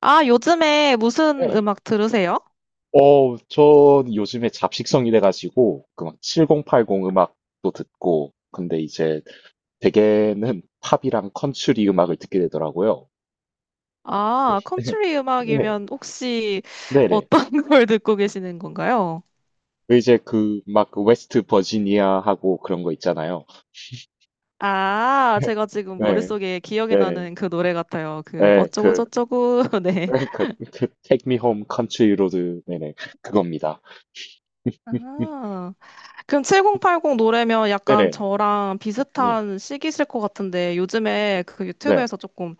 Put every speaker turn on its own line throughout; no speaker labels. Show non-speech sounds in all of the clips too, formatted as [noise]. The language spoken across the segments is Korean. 아, 요즘에 무슨
네.
음악 들으세요?
전 요즘에 잡식성이 돼가지고, 그 막 7080 음악도 듣고, 근데 이제 대개는 팝이랑 컨츄리 음악을 듣게 되더라고요.
아, 컨트리
[laughs] 네.
음악이면 혹시
네네.
어떤 [laughs] 걸 듣고 계시는 건가요?
그 이제 그막 그 웨스트 버지니아하고 그런 거 있잖아요.
아,
[laughs]
제가 지금
네,
머릿속에 기억이
네,
나는 그 노래 같아요. 그
네,
어쩌고
그,
저쩌고. [laughs] 네.
[laughs] 그, Take Me Home Country Road, 네네, 그겁니다. [laughs]
아, 그럼 7080 노래면 약간
네네,
저랑
네,
비슷한 시기실 것 같은데 요즘에 그
네,
유튜브에서 조금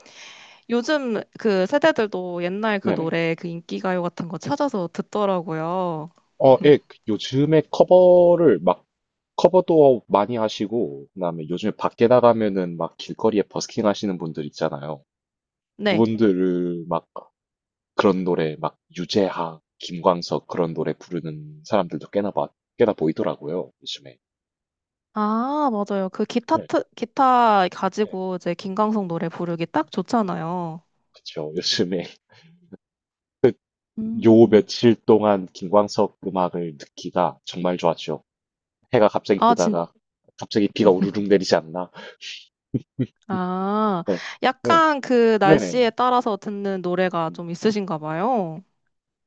요즘 그 세대들도 옛날 그
네네.
노래 그 인기가요 같은 거 찾아서 듣더라고요.
예, 그 요즘에 커버를 막 커버도 많이 하시고, 그다음에 요즘에 밖에 나가면은 막 길거리에 버스킹 하시는 분들 있잖아요.
네.
그분들을 막 그런 노래, 막 유재하, 김광석 그런 노래 부르는 사람들도 꽤나 보이더라고요, 요즘에.
아, 맞아요. 그
네,
기타
네,
가지고 이제 김광석 노래 부르기 딱 좋잖아요.
그쵸. 요즘에 [laughs] 요
음.
며칠 동안 김광석 음악을 듣기가 정말 좋았죠. 해가 갑자기
아, 진,
뜨다가 갑자기 비가 우르릉 내리지 않나?
아,
네, 네,
약간 그 날씨에
네네.
따라서 듣는 노래가 좀
음.
있으신가 봐요.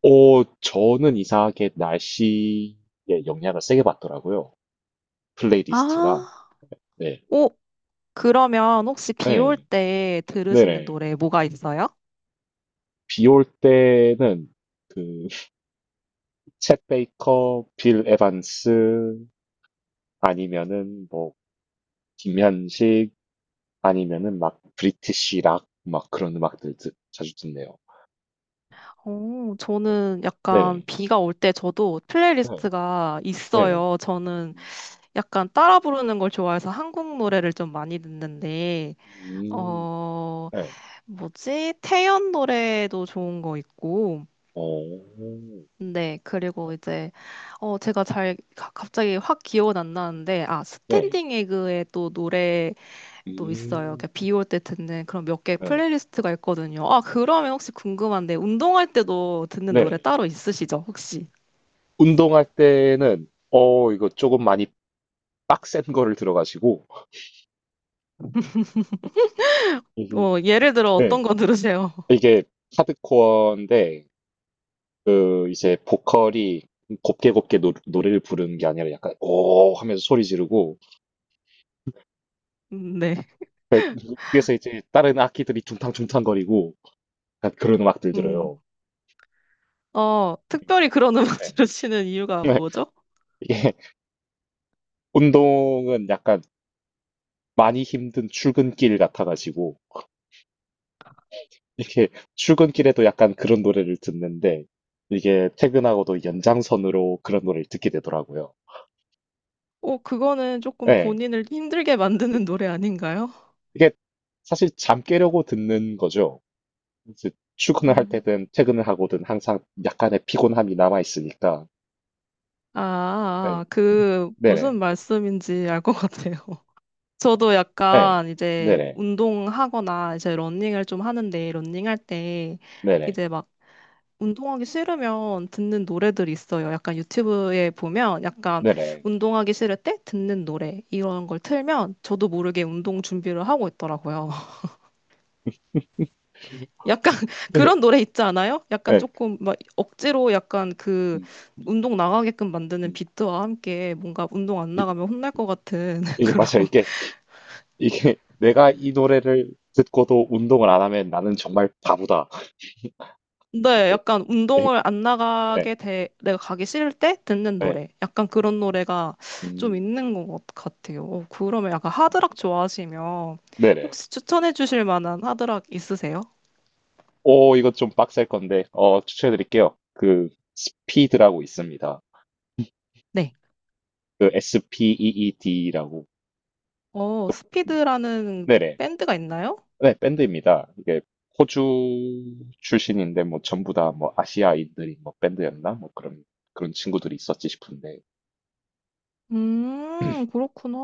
저는 이상하게 날씨에 영향을 세게 받더라고요. 플레이리스트가.
아,
네.
오, 그러면 혹시 비 올
네.
때 들으시는
네네.
노래 뭐가 있어요?
비올 때는 그, [laughs] 챗 베이커, 빌 에반스, 아니면은 뭐, 김현식, 아니면은 막, 브리티시 락, 막 그런 자주 듣네요.
오,
네.
저는 약간
네네.
비가 올 때 저도
네.
플레이리스트가
네네.
있어요. 저는
음,
약간 따라 부르는 걸 좋아해서 한국 노래를 좀 많이 듣는데, 어,
네.
뭐지? 태연 노래도 좋은 거 있고.
어,
네,
네.
그리고 이제, 어, 제가 잘, 갑자기 확 기억은 안 나는데, 아,
네.
스탠딩 에그의 또 노래도 있어요.
음,
비 올 때 듣는 그런 몇 개
네.
플레이리스트가 있거든요. 아, 그러면 혹시 궁금한데, 운동할 때도 듣는 노래
네네.
따로 있으시죠, 혹시?
운동할 때는 이거 조금 많이 빡센 거를 들어가시고 흠
어, 예를 들어
네.
어떤 거 들으세요? [laughs]
이게 하드코어인데 그 이제 보컬이 곱게 곱게 노 노래를 부르는 게 아니라 약간 "오." 하면서 소리 지르고
네.
그 그래서 이제 다른 악기들이 둥탕둥탕거리고 약간 그런 음악들
음,
들어요.
어, 특별히 그런 음악 [laughs]
네.
들으시는 이유가
네.
뭐죠?
[laughs] 이게 운동은 약간 많이 힘든 출근길 같아 가지고 이렇게 출근길에도 약간 그런 노래를 듣는데 이게 퇴근하고도 연장선으로 그런 노래를 듣게 되더라고요.
어, 그거는 조금
예.
본인을 힘들게 만드는 노래 아닌가요?
이게 사실 잠 깨려고 듣는 거죠. 이제 출근을 할
음.
때든 퇴근을 하고든 항상 약간의 피곤함이 남아 있으니까.
아, 아,
예.
아. 그
네네.
무슨 말씀인지 알 것 같아요. [laughs] 저도
예.
약간 이제
네네.
운동하거나 이제 러닝을 좀 하는데 러닝할 때
네네.
이제 막 운동하기 싫으면 듣는 노래들이 있어요. 약간 유튜브에 보면 약간
네네.
운동하기 싫을 때 듣는 노래 이런 걸 틀면 저도 모르게 운동 준비를 하고 있더라고요.
[laughs]
약간 [laughs]
네.
그런 노래 있지 않아요? 약간
예.
조금 막 억지로 약간 그
음,
운동 나가게끔 만드는
음.
비트와 함께 뭔가 운동 안
이-
나가면 혼날 것 같은 [laughs]
이게
그런.
맞아요. 이게 내가 이 노래를 듣고도 운동을 안 하면 나는 정말 바보다. [laughs]
네,
이제,
약간
예.
운동을 안
예.
나가게 돼, 내가 가기 싫을 때 듣는
예.
노래. 약간 그런 노래가 좀
음,
있는 것 같아요. 어, 그러면 약간 하드락 좋아하시면
네네.
혹시 추천해 주실 만한 하드락 있으세요?
오, 이거 좀 빡셀 건데, 추천해 드릴게요. 그, 스피드라고 있습니다.
네.
그, SPEED라고.
어, 스피드라는
네네.
밴드가 있나요?
네, 밴드입니다. 이게, 호주 출신인데, 뭐, 전부 다, 뭐, 아시아인들이, 뭐, 밴드였나? 뭐, 그런 친구들이 있었지 싶은데.
그렇구나.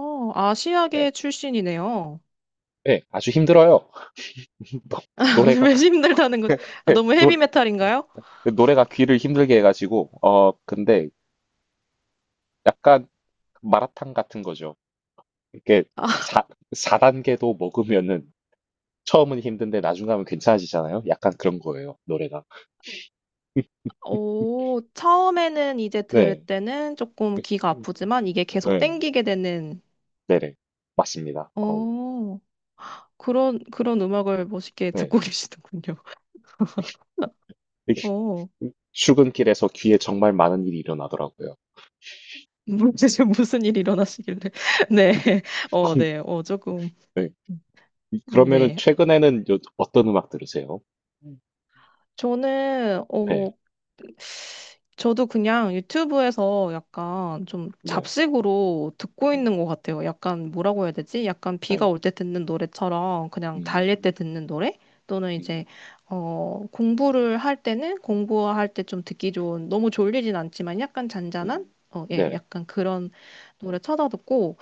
네,
아시아계 출신이네요.
네, 아주 힘들어요. [laughs] 노-
[laughs]
노래가,
왜 힘들다는 것, 아,
[laughs]
너무
노래,
헤비메탈인가요?
노래가 귀를 힘들게 해가지고, 근데, 약간, 마라탕 같은 거죠. 이게,
아,
사 4단계도 먹으면은 처음은 힘든데 나중 가면 괜찮아지잖아요. 약간 그런 거예요, 노래가.
오, 처음에는 이제 들을
네.
때는 조금 귀가
음.
아프지만 이게 계속
네.
땡기게 되는,
네네. 맞습니다. 어우
어, 그런, 그런 음악을 멋있게
네.
듣고 [laughs] 계시는군요.
이게
어,
출근길에서 귀에 정말 많은 일이 일어나더라고요.
뭐지, 지금 무슨 일이 일어나시길래. [laughs] 네, 어,
콩
네, 어, 조금,
네. 이 그러면은
네.
최근에는 요 어떤 음악 들으세요? 음.
저는,
네.
어, 저도 그냥 유튜브에서 약간
음.
좀
네.
잡식으로 듣고
음.
있는 것 같아요. 약간 뭐라고 해야 되지? 약간 비가
네.
올 때 듣는 노래처럼 그냥 달릴 때
음.
듣는 노래? 또는
음.
이제, 어, 공부를 할 때는 공부할 때 좀 듣기 좋은, 너무 졸리진 않지만 약간 잔잔한?
음.
어, 예,
네.
약간 그런 노래 찾아 듣고,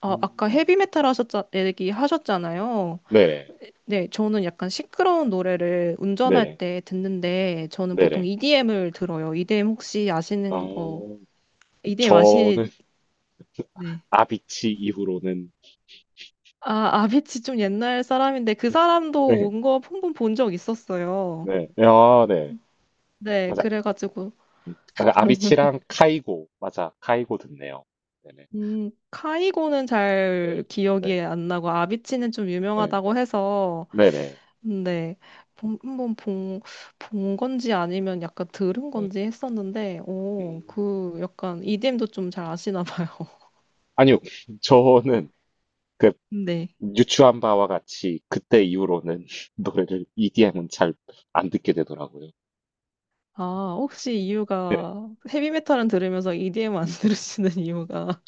아, 아까 헤비메탈 얘기 하셨잖아요.
네네.
네, 저는 약간 시끄러운 노래를 운전할
네네.
때 듣는데, 저는 보통
네네.
EDM을 들어요. EDM 혹시 아시는 거,
어
EDM 아시,
저는
네.
아비치 이후로는
아, 아비치 좀 옛날 사람인데, 그 사람도
네.
온 거 한 번 본 적 있었어요.
네. 아 네.
네,
맞아.
그래가지고,
아, 그 아비치랑 카이고. 맞아. 카이고 듣네요. 네네.
카이고는
네.
잘
네.
기억이 안 나고, 아비치는 좀
네.
유명하다고 해서,
네네.
네, 한번 본 건지 아니면 약간 들은
네.
건지 했었는데, 오,
음.
그 약간 EDM도 좀 잘 아시나 봐요.
아니요. 저는 그
네.
유추한 바와 같이 그때 이후로는 [laughs] 노래를 EDM은 잘 안 듣게 되더라고요.
아, 혹시
네.
이유가 헤비메탈은 들으면서 EDM 안 [laughs]
음.
들으시는 이유가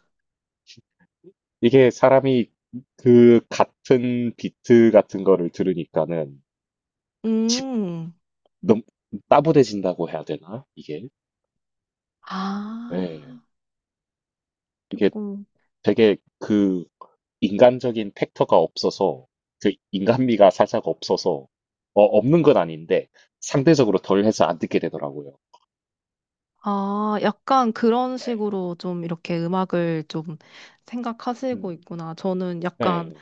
이게 사람이 그 같은 비트 같은 거를 들으니까는 집,
음.
너무 따분해진다고 해야 되나? 이게.
아,
네. 이게
조금
되게 그 인간적인 팩터가 없어서 그 인간미가 살짝 없어서 없는 건 아닌데 상대적으로 덜 해서 안 듣게 되더라고요.
아, 약간 그런
네.
식으로 좀 이렇게 음악을 좀
음.
생각하시고 있구나. 저는
네.
약간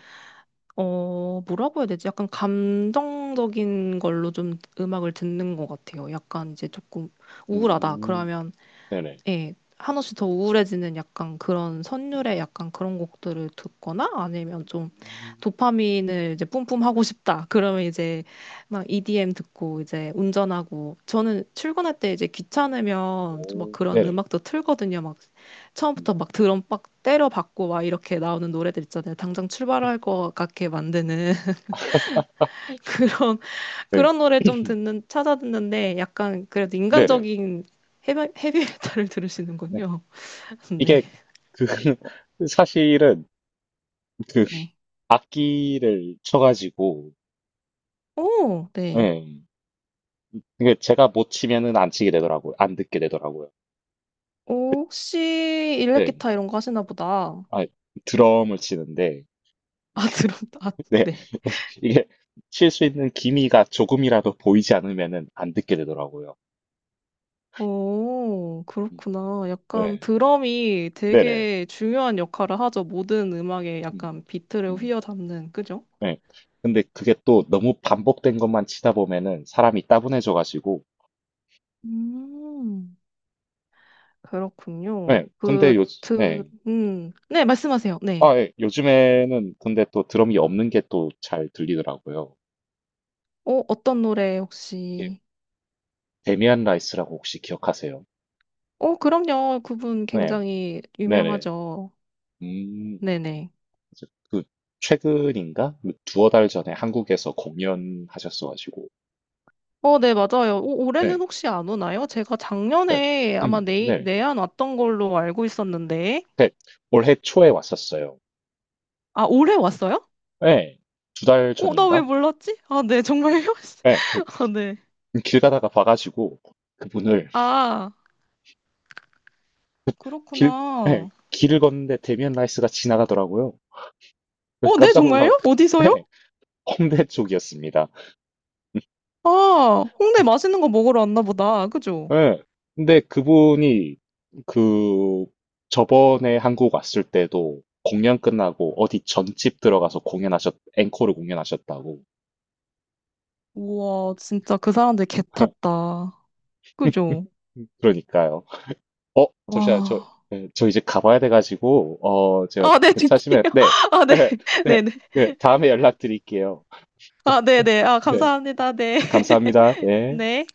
어, 뭐라고 해야 되지? 약간 감정적인 걸로 좀 음악을 듣는 것 같아요. 약간 이제 조금 우울하다.
음.
그러면
네네.
예, 한없이 더 우울해지는 약간 그런
음.
선율의 약간 그런 곡들을 듣거나 아니면 좀
음.
도파민을 이제 뿜뿜 하고 싶다. 그러면 이제 막 EDM 듣고 이제 운전하고 저는 출근할 때 이제 귀찮으면 좀 막
오.
그런
네네.
음악도 틀거든요. 막
음.
처음부터 막 드럼 빡 때려 박고 막 이렇게 나오는 노래들 있잖아요. 당장 출발할 것 같게 만드는 [laughs] 그런
네.
그런 노래 좀
[clears throat]
듣는 찾아 듣는데 약간 그래도
네네.
인간적인 헤비, 헤비메탈을
네.
들으시는군요. [laughs] 네.
이게 그 [laughs] 사실은 그
네.
악기를 쳐가지고
오, 네.
예. 이게 제가 못 치면은 안 치게 되더라고요. 안 듣게 되더라고요.
오, 혹시
네.
일렉기타 이런 거 하시나 보다.
아, 드럼을 치는데,
아, [laughs] 드럼, 아,
[laughs] 네,
네.
이게 칠 수 있는 기미가 조금이라도 보이지 않으면은 안 듣게 되더라고요.
오,
음,
그렇구나. 약간
네,
드럼이
네네.
되게 중요한 역할을 하죠. 모든 음악에
음,
약간 비트를
음,
휘어잡는, 그죠?
네. 근데 그게 또 너무 반복된 것만 치다 보면은 사람이 따분해져가지고,
음, 그렇군요.
네, 근데
그,
요, 네.
네, 말씀하세요. 네.
아, 예, 요즘에는 근데 또 드럼이 없는 게 또 잘 들리더라고요.
어, 어떤 노래
이게
혹시?
데미안 라이스라고 혹시 기억하세요?
어, 그럼요. 그분
네,
굉장히
네네.
유명하죠.
음,
네네.
그래서 그 최근인가? 뭐 두어 달 전에 한국에서 공연하셨어가지고.
어, 네, 맞아요. 오, 올해는
네,
혹시 안 오나요? 제가
네.
작년에 아마
네.
내한 왔던 걸로 알고 있었는데.
네, 올해 초에 왔었어요.
아, 올해 왔어요?
네, 두 달
어, 나 왜
전인가?
몰랐지? 아, 네, 정말요?
네,
[laughs] 아, 네.
그길 가다가 봐가지고 그분을
아,
길, 네,
그렇구나.
길을 걷는데 데미안 라이스가 지나가더라고요. 그래서
어, 네,
깜짝 놀라,
정말요? 어디서요?
네, 홍대 쪽이었습니다.
아, 홍대 맛있는 거 먹으러 왔나 보다. 그죠?
예. 근데 그분이 그 저번에 한국 왔을 때도 공연 끝나고 어디 전집 들어가서 앵콜을 공연하셨다고.
우와, 진짜 그 사람들 개
[laughs]
탔다. 그죠?
그러니까요. 잠시만, 저,
와.
예, 저 이제 가봐야 돼가지고, 제가
아, 네,
괜찮으시면,
드릴게요. [laughs]
네,
아,
[laughs]
네.
네, 네,
네네.
네, 다음에 연락드릴게요.
아, 네네. 아,
네,
감사합니다. 네.
감사합니다.
[laughs]
네.
네.